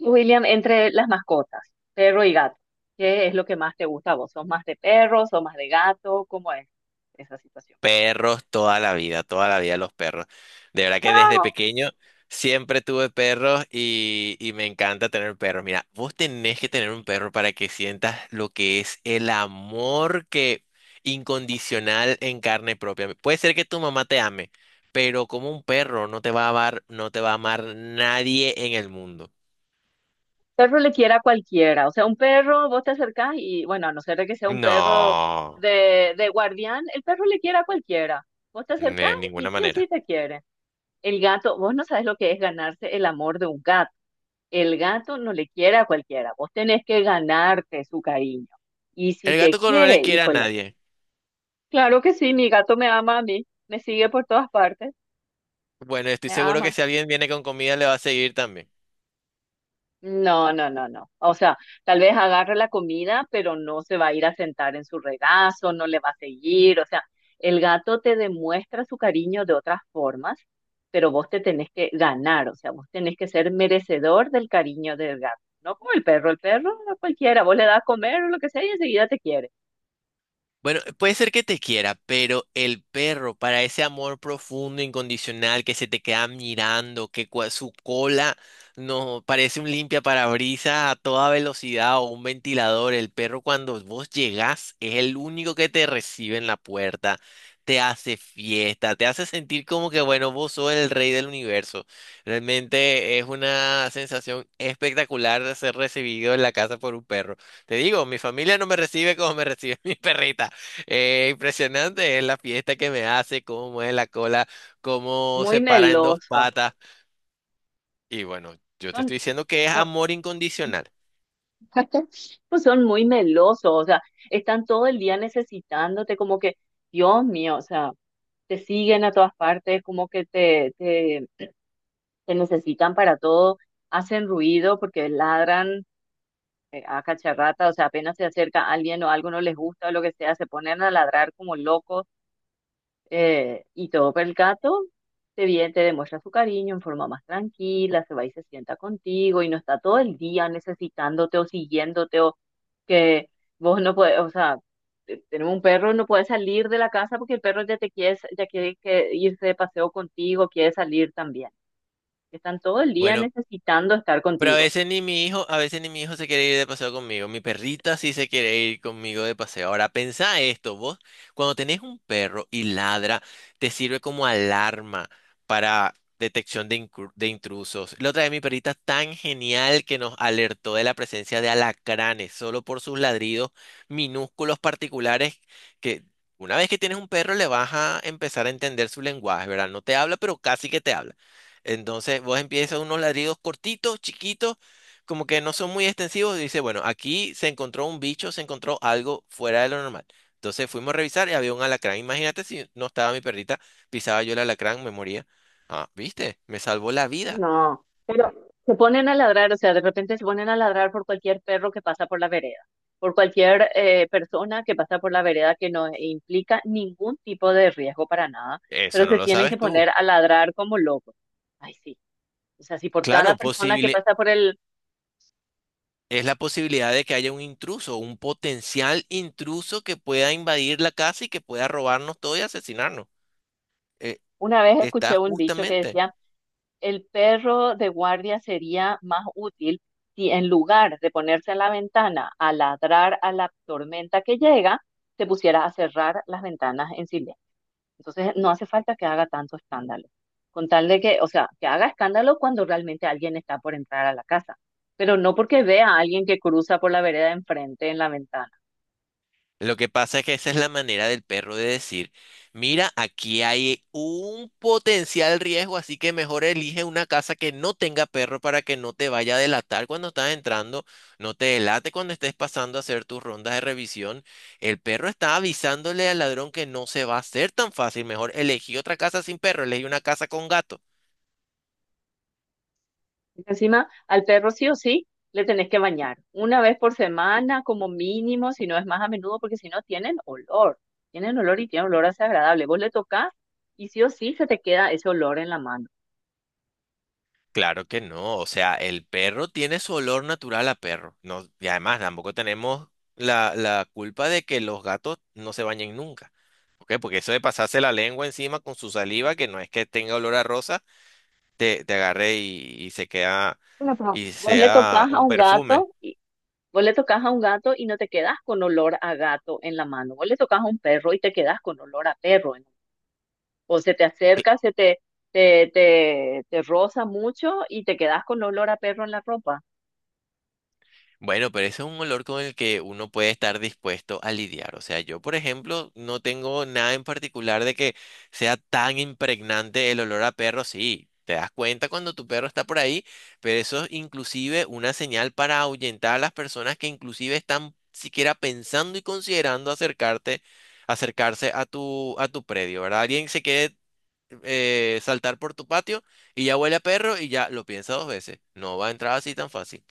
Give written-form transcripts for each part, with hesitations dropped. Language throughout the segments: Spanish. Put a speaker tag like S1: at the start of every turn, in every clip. S1: William, entre las mascotas, perro y gato, ¿qué es lo que más te gusta a vos? ¿Sos más de perro, sos más de gato? ¿Cómo es esa situación?
S2: Perros toda la vida los perros. De verdad que desde
S1: No,
S2: pequeño siempre tuve perros y me encanta tener perros. Mira, vos tenés que tener un perro para que sientas lo que es el amor que incondicional en carne propia. Puede ser que tu mamá te ame, pero como un perro no te va a amar, no te va a amar nadie en el mundo.
S1: perro le quiere a cualquiera. O sea, un perro, vos te acercás y, bueno, a no ser de que sea un perro
S2: No,
S1: de guardián, el perro le quiere a cualquiera. Vos te acercás
S2: de
S1: y
S2: ninguna
S1: sí o sí
S2: manera.
S1: te quiere. El gato, vos no sabes lo que es ganarse el amor de un gato. El gato no le quiere a cualquiera. Vos tenés que ganarte su cariño. Y si
S2: El
S1: te
S2: gato con no
S1: quiere,
S2: le quiere a
S1: híjole.
S2: nadie.
S1: Claro que sí, mi gato me ama a mí, me sigue por todas partes,
S2: Bueno, estoy
S1: me
S2: seguro que
S1: ama.
S2: si alguien viene con comida le va a seguir también.
S1: No, no, no, no. O sea, tal vez agarre la comida, pero no se va a ir a sentar en su regazo, no le va a seguir. O sea, el gato te demuestra su cariño de otras formas, pero vos te tenés que ganar, o sea, vos tenés que ser merecedor del cariño del gato. No como el perro a cualquiera, vos le das a comer o lo que sea y enseguida te quiere.
S2: Bueno, puede ser que te quiera, pero el perro, para ese amor profundo, incondicional, que se te queda mirando, su cola no parece un limpia parabrisas a toda velocidad o un ventilador, el perro cuando vos llegás es el único que te recibe en la puerta, te hace fiesta, te hace sentir como que, bueno, vos sos el rey del universo. Realmente es una sensación espectacular de ser recibido en la casa por un perro. Te digo, mi familia no me recibe como me recibe mi perrita. Impresionante es la fiesta que me hace, cómo mueve la cola, cómo
S1: Muy
S2: se para en dos
S1: meloso.
S2: patas. Y bueno, yo te estoy
S1: Son,
S2: diciendo que es
S1: son,
S2: amor incondicional.
S1: Pues son muy melosos, o sea, están todo el día necesitándote, como que, Dios mío, o sea, te siguen a todas partes, como que te necesitan para todo, hacen ruido porque ladran a cacharrata, o sea, apenas se acerca alguien o algo no les gusta o lo que sea, se ponen a ladrar como locos. Y todo, pero el gato te viene, te demuestra su cariño en forma más tranquila, se va y se sienta contigo y no está todo el día necesitándote o siguiéndote o que vos no puedes, o sea, tenemos un perro, no puede salir de la casa porque el perro ya te quiere, ya quiere que irse de paseo contigo, quiere salir también. Están todo el día
S2: Bueno,
S1: necesitando estar
S2: pero a
S1: contigo.
S2: veces ni mi hijo, a veces ni mi hijo se quiere ir de paseo conmigo. Mi perrita sí se quiere ir conmigo de paseo. Ahora, pensá esto, vos, cuando tenés un perro y ladra, te sirve como alarma para de intrusos. La otra vez mi perrita tan genial que nos alertó de la presencia de alacranes, solo por sus ladridos minúsculos particulares que una vez que tienes un perro le vas a empezar a entender su lenguaje, ¿verdad? No te habla, pero casi que te habla. Entonces vos empiezas unos ladridos cortitos, chiquitos, como que no son muy extensivos. Y dice, bueno, aquí se encontró un bicho, se encontró algo fuera de lo normal. Entonces fuimos a revisar y había un alacrán. Imagínate si no estaba mi perrita, pisaba yo el alacrán, me moría. Ah, ¿viste? Me salvó la vida.
S1: No, pero se ponen a ladrar, o sea, de repente se ponen a ladrar por cualquier perro que pasa por la vereda, por cualquier persona que pasa por la vereda que no implica ningún tipo de riesgo para nada, pero
S2: Eso no
S1: se
S2: lo
S1: tienen que
S2: sabes
S1: poner
S2: tú.
S1: a ladrar como locos. Ay, sí. O sea, si por cada
S2: Claro,
S1: persona que
S2: posible,
S1: pasa por el...
S2: es la posibilidad de que haya un intruso, un potencial intruso que pueda invadir la casa y que pueda robarnos todo y asesinarnos. Eh,
S1: Una vez
S2: Está
S1: escuché un dicho que
S2: justamente.
S1: decía, el perro de guardia sería más útil si en lugar de ponerse a la ventana a ladrar a la tormenta que llega, se pusiera a cerrar las ventanas en silencio. Entonces, no hace falta que haga tanto escándalo. Con tal de que, o sea, que haga escándalo cuando realmente alguien está por entrar a la casa, pero no porque vea a alguien que cruza por la vereda de enfrente en la ventana.
S2: Lo que pasa es que esa es la manera del perro de decir, mira, aquí hay un potencial riesgo, así que mejor elige una casa que no tenga perro para que no te vaya a delatar cuando estás entrando, no te delate cuando estés pasando a hacer tus rondas de revisión. El perro está avisándole al ladrón que no se va a hacer tan fácil, mejor elegí otra casa sin perro, elegí una casa con gato.
S1: Encima, al perro sí o sí le tenés que bañar una vez por semana como mínimo, si no es más a menudo, porque si no tienen olor, tienen olor y tienen olor desagradable. Vos le tocas y sí o sí se te queda ese olor en la mano.
S2: Claro que no, o sea, el perro tiene su olor natural a perro. No, y además tampoco tenemos la culpa de que los gatos no se bañen nunca. ¿Ok? Porque eso de pasarse la lengua encima con su saliva, que no es que tenga olor a rosa, te agarre y se queda
S1: Bueno, pero
S2: y
S1: vos le
S2: sea
S1: tocas a
S2: un
S1: un gato
S2: perfume.
S1: y vos le tocas a un gato y no te quedas con olor a gato en la mano. Vos le tocas a un perro y te quedas con olor a perro, ¿no? O se te acerca, se te, te, te, te roza mucho y te quedas con olor a perro en la ropa.
S2: Bueno, pero ese es un olor con el que uno puede estar dispuesto a lidiar. O sea, yo, por ejemplo, no tengo nada en particular de que sea tan impregnante el olor a perro. Sí, te das cuenta cuando tu perro está por ahí, pero eso es inclusive una señal para ahuyentar a las personas que inclusive están siquiera pensando y considerando acercarte, acercarse a tu predio, ¿verdad? Alguien se quiere saltar por tu patio y ya huele a perro y ya lo piensa dos veces. No va a entrar así tan fácil.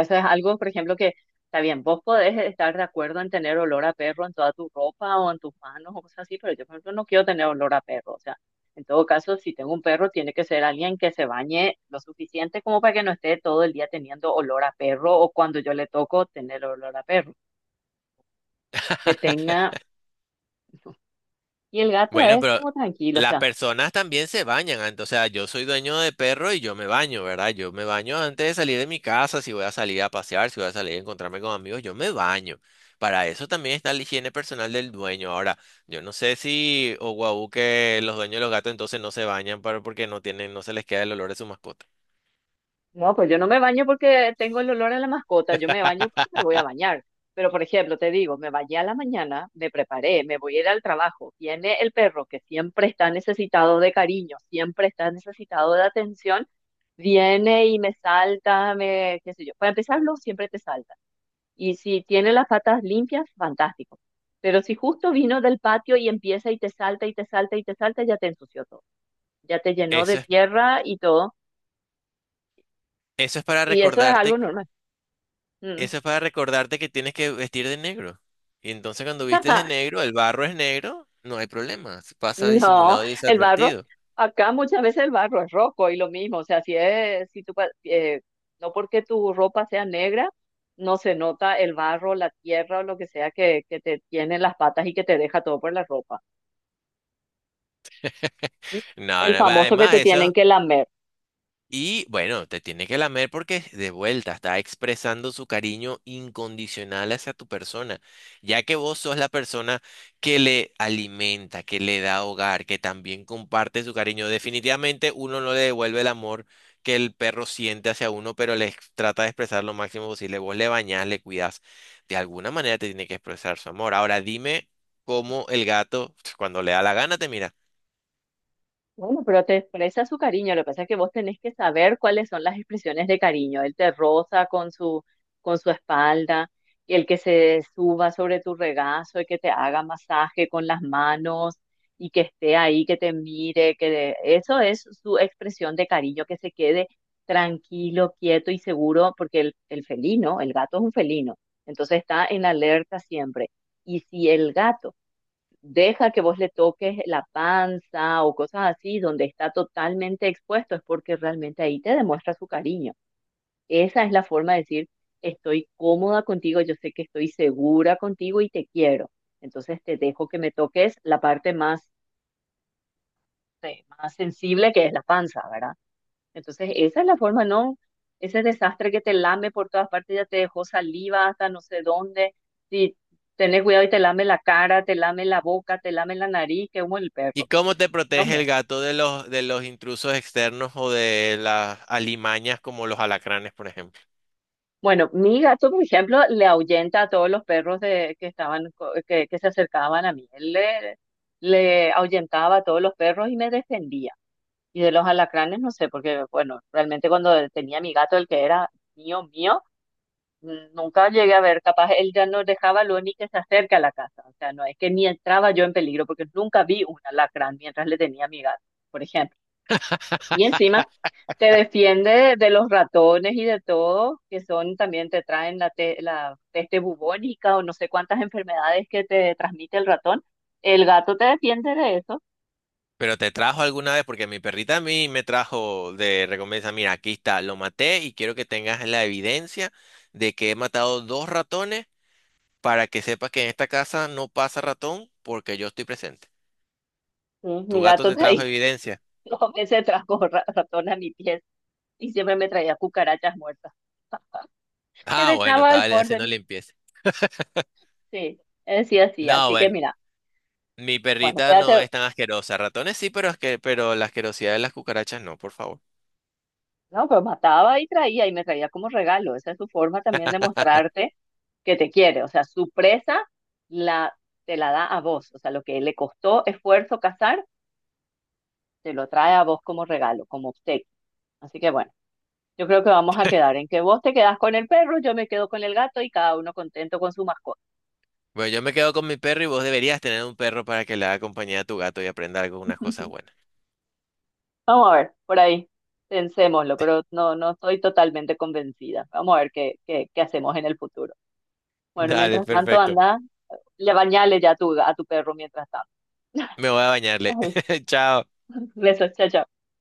S1: Eso es algo, por ejemplo, que está bien, vos podés estar de acuerdo en tener olor a perro en toda tu ropa o en tus manos o cosas así, pero yo, por ejemplo, no quiero tener olor a perro. O sea, en todo caso, si tengo un perro, tiene que ser alguien que se bañe lo suficiente como para que no esté todo el día teniendo olor a perro o cuando yo le toco tener olor a perro. Que tenga... Y el gato
S2: Bueno,
S1: es
S2: pero
S1: como tranquilo, o
S2: las
S1: sea,
S2: personas también se bañan antes. O sea, yo soy dueño de perro y yo me baño, ¿verdad? Yo me baño antes de salir de mi casa, si voy a salir a pasear, si voy a salir a encontrarme con amigos, yo me baño. Para eso también está la higiene personal del dueño. Ahora, yo no sé si o guau, que los dueños de los gatos entonces no se bañan para, porque no tienen, no se les queda el olor de su mascota.
S1: no, pues yo no me baño porque tengo el olor a la mascota, yo me baño porque me voy a bañar. Pero, por ejemplo, te digo, me bañé a la mañana, me preparé, me voy a ir al trabajo. Viene el perro que siempre está necesitado de cariño, siempre está necesitado de atención, viene y me salta, me, qué sé yo. Para empezarlo, siempre te salta. Y si tiene las patas limpias, fantástico. Pero si justo vino del patio y empieza y te salta y te salta y te salta, ya te ensució todo. Ya te llenó
S2: Eso
S1: de
S2: es,
S1: tierra y todo.
S2: eso es para
S1: Y eso es algo
S2: recordarte
S1: normal. Mm.
S2: Eso es para recordarte que tienes que vestir de negro. Y entonces cuando vistes de negro, el barro es negro, no hay problema. Pasa
S1: No,
S2: disimulado y
S1: el barro,
S2: desadvertido.
S1: acá muchas veces el barro es rojo y lo mismo, o sea, si es, si tú, no porque tu ropa sea negra, no se nota el barro, la tierra o lo que sea que te tiene en las patas y que te deja todo por la ropa.
S2: No,
S1: El
S2: no, va,
S1: famoso que
S2: además,
S1: te tienen
S2: eso,
S1: que lamer.
S2: Y bueno, te tiene que lamer porque de vuelta está expresando su cariño incondicional hacia tu persona, ya que vos sos la persona que le alimenta, que le da hogar, que también comparte su cariño. Definitivamente uno no le devuelve el amor que el perro siente hacia uno, pero trata de expresar lo máximo posible. Vos le bañás, le cuidás. De alguna manera te tiene que expresar su amor. Ahora dime cómo el gato, cuando le da la gana, te mira.
S1: Bueno, pero te expresa su cariño. Lo que pasa es que vos tenés que saber cuáles son las expresiones de cariño. Él te roza con con su espalda, y el que se suba sobre tu regazo y que te haga masaje con las manos y que esté ahí, que te mire, eso es su expresión de cariño, que se quede tranquilo, quieto y seguro, porque el felino, el gato es un felino, entonces está en alerta siempre. Y si el gato deja que vos le toques la panza o cosas así, donde está totalmente expuesto, es porque realmente ahí te demuestra su cariño. Esa es la forma de decir, estoy cómoda contigo, yo sé que estoy segura contigo y te quiero. Entonces te dejo que me toques la parte más, más sensible que es la panza, ¿verdad? Entonces esa es la forma, ¿no? Ese desastre que te lame por todas partes, ya te dejó saliva hasta no sé dónde. Si tenés cuidado y te lame la cara, te lame la boca, te lame la nariz, que humo el
S2: ¿Y
S1: perro.
S2: cómo te
S1: Dios
S2: protege
S1: mío.
S2: el gato de los intrusos externos o de las alimañas como los alacranes, por ejemplo?
S1: Bueno, mi gato, por ejemplo, le ahuyenta a todos los perros que estaban, que se acercaban a mí. Le ahuyentaba a todos los perros y me defendía. Y de los alacranes, no sé, porque, bueno, realmente cuando tenía mi gato, el que era mío, mío, nunca llegué a ver, capaz él ya no dejaba lo ni que se acerque a la casa. O sea, no es que ni entraba yo en peligro, porque nunca vi un alacrán mientras le tenía a mi gato, por ejemplo. Y encima te defiende de los ratones y de todo, que son también te traen la peste bubónica o no sé cuántas enfermedades que te transmite el ratón. El gato te defiende de eso.
S2: Pero te trajo alguna vez, porque mi perrita a mí me trajo de recompensa, mira, aquí está, lo maté y quiero que tengas la evidencia de que he matado dos ratones para que sepas que en esta casa no pasa ratón porque yo estoy presente.
S1: Sí,
S2: ¿Tu
S1: mi
S2: gato
S1: gato
S2: te
S1: de
S2: trajo
S1: ahí
S2: evidencia?
S1: dos veces trajo ratón a mi pies y siempre me traía cucarachas muertas que
S2: Ah, bueno,
S1: dejaba al
S2: estaba
S1: borde
S2: haciendo limpieza.
S1: sí, él sí, así.
S2: No,
S1: Así que
S2: bueno.
S1: mira,
S2: Mi
S1: bueno,
S2: perrita no
S1: quédate,
S2: es tan asquerosa. Ratones sí, pero, pero la asquerosidad de las cucarachas no, por favor.
S1: no, pero mataba y traía y me traía como regalo. Esa es su forma también de mostrarte que te quiere. O sea, su presa la, te la da a vos. O sea, lo que le costó esfuerzo cazar, te lo trae a vos como regalo, como obsequio. Así que bueno, yo creo que vamos a quedar en que vos te quedás con el perro, yo me quedo con el gato y cada uno contento con su mascota.
S2: Bueno, yo me quedo con mi perro y vos deberías tener un perro para que le haga compañía a tu gato y aprenda algunas cosas buenas.
S1: Vamos a ver, por ahí, pensémoslo, pero no, no estoy totalmente convencida. Vamos a ver qué hacemos en el futuro. Bueno,
S2: Dale,
S1: mientras tanto,
S2: perfecto.
S1: anda le bañale ya a tu perro mientras tanto.
S2: Me voy a bañarle. Chao.
S1: Besos, chao, chao.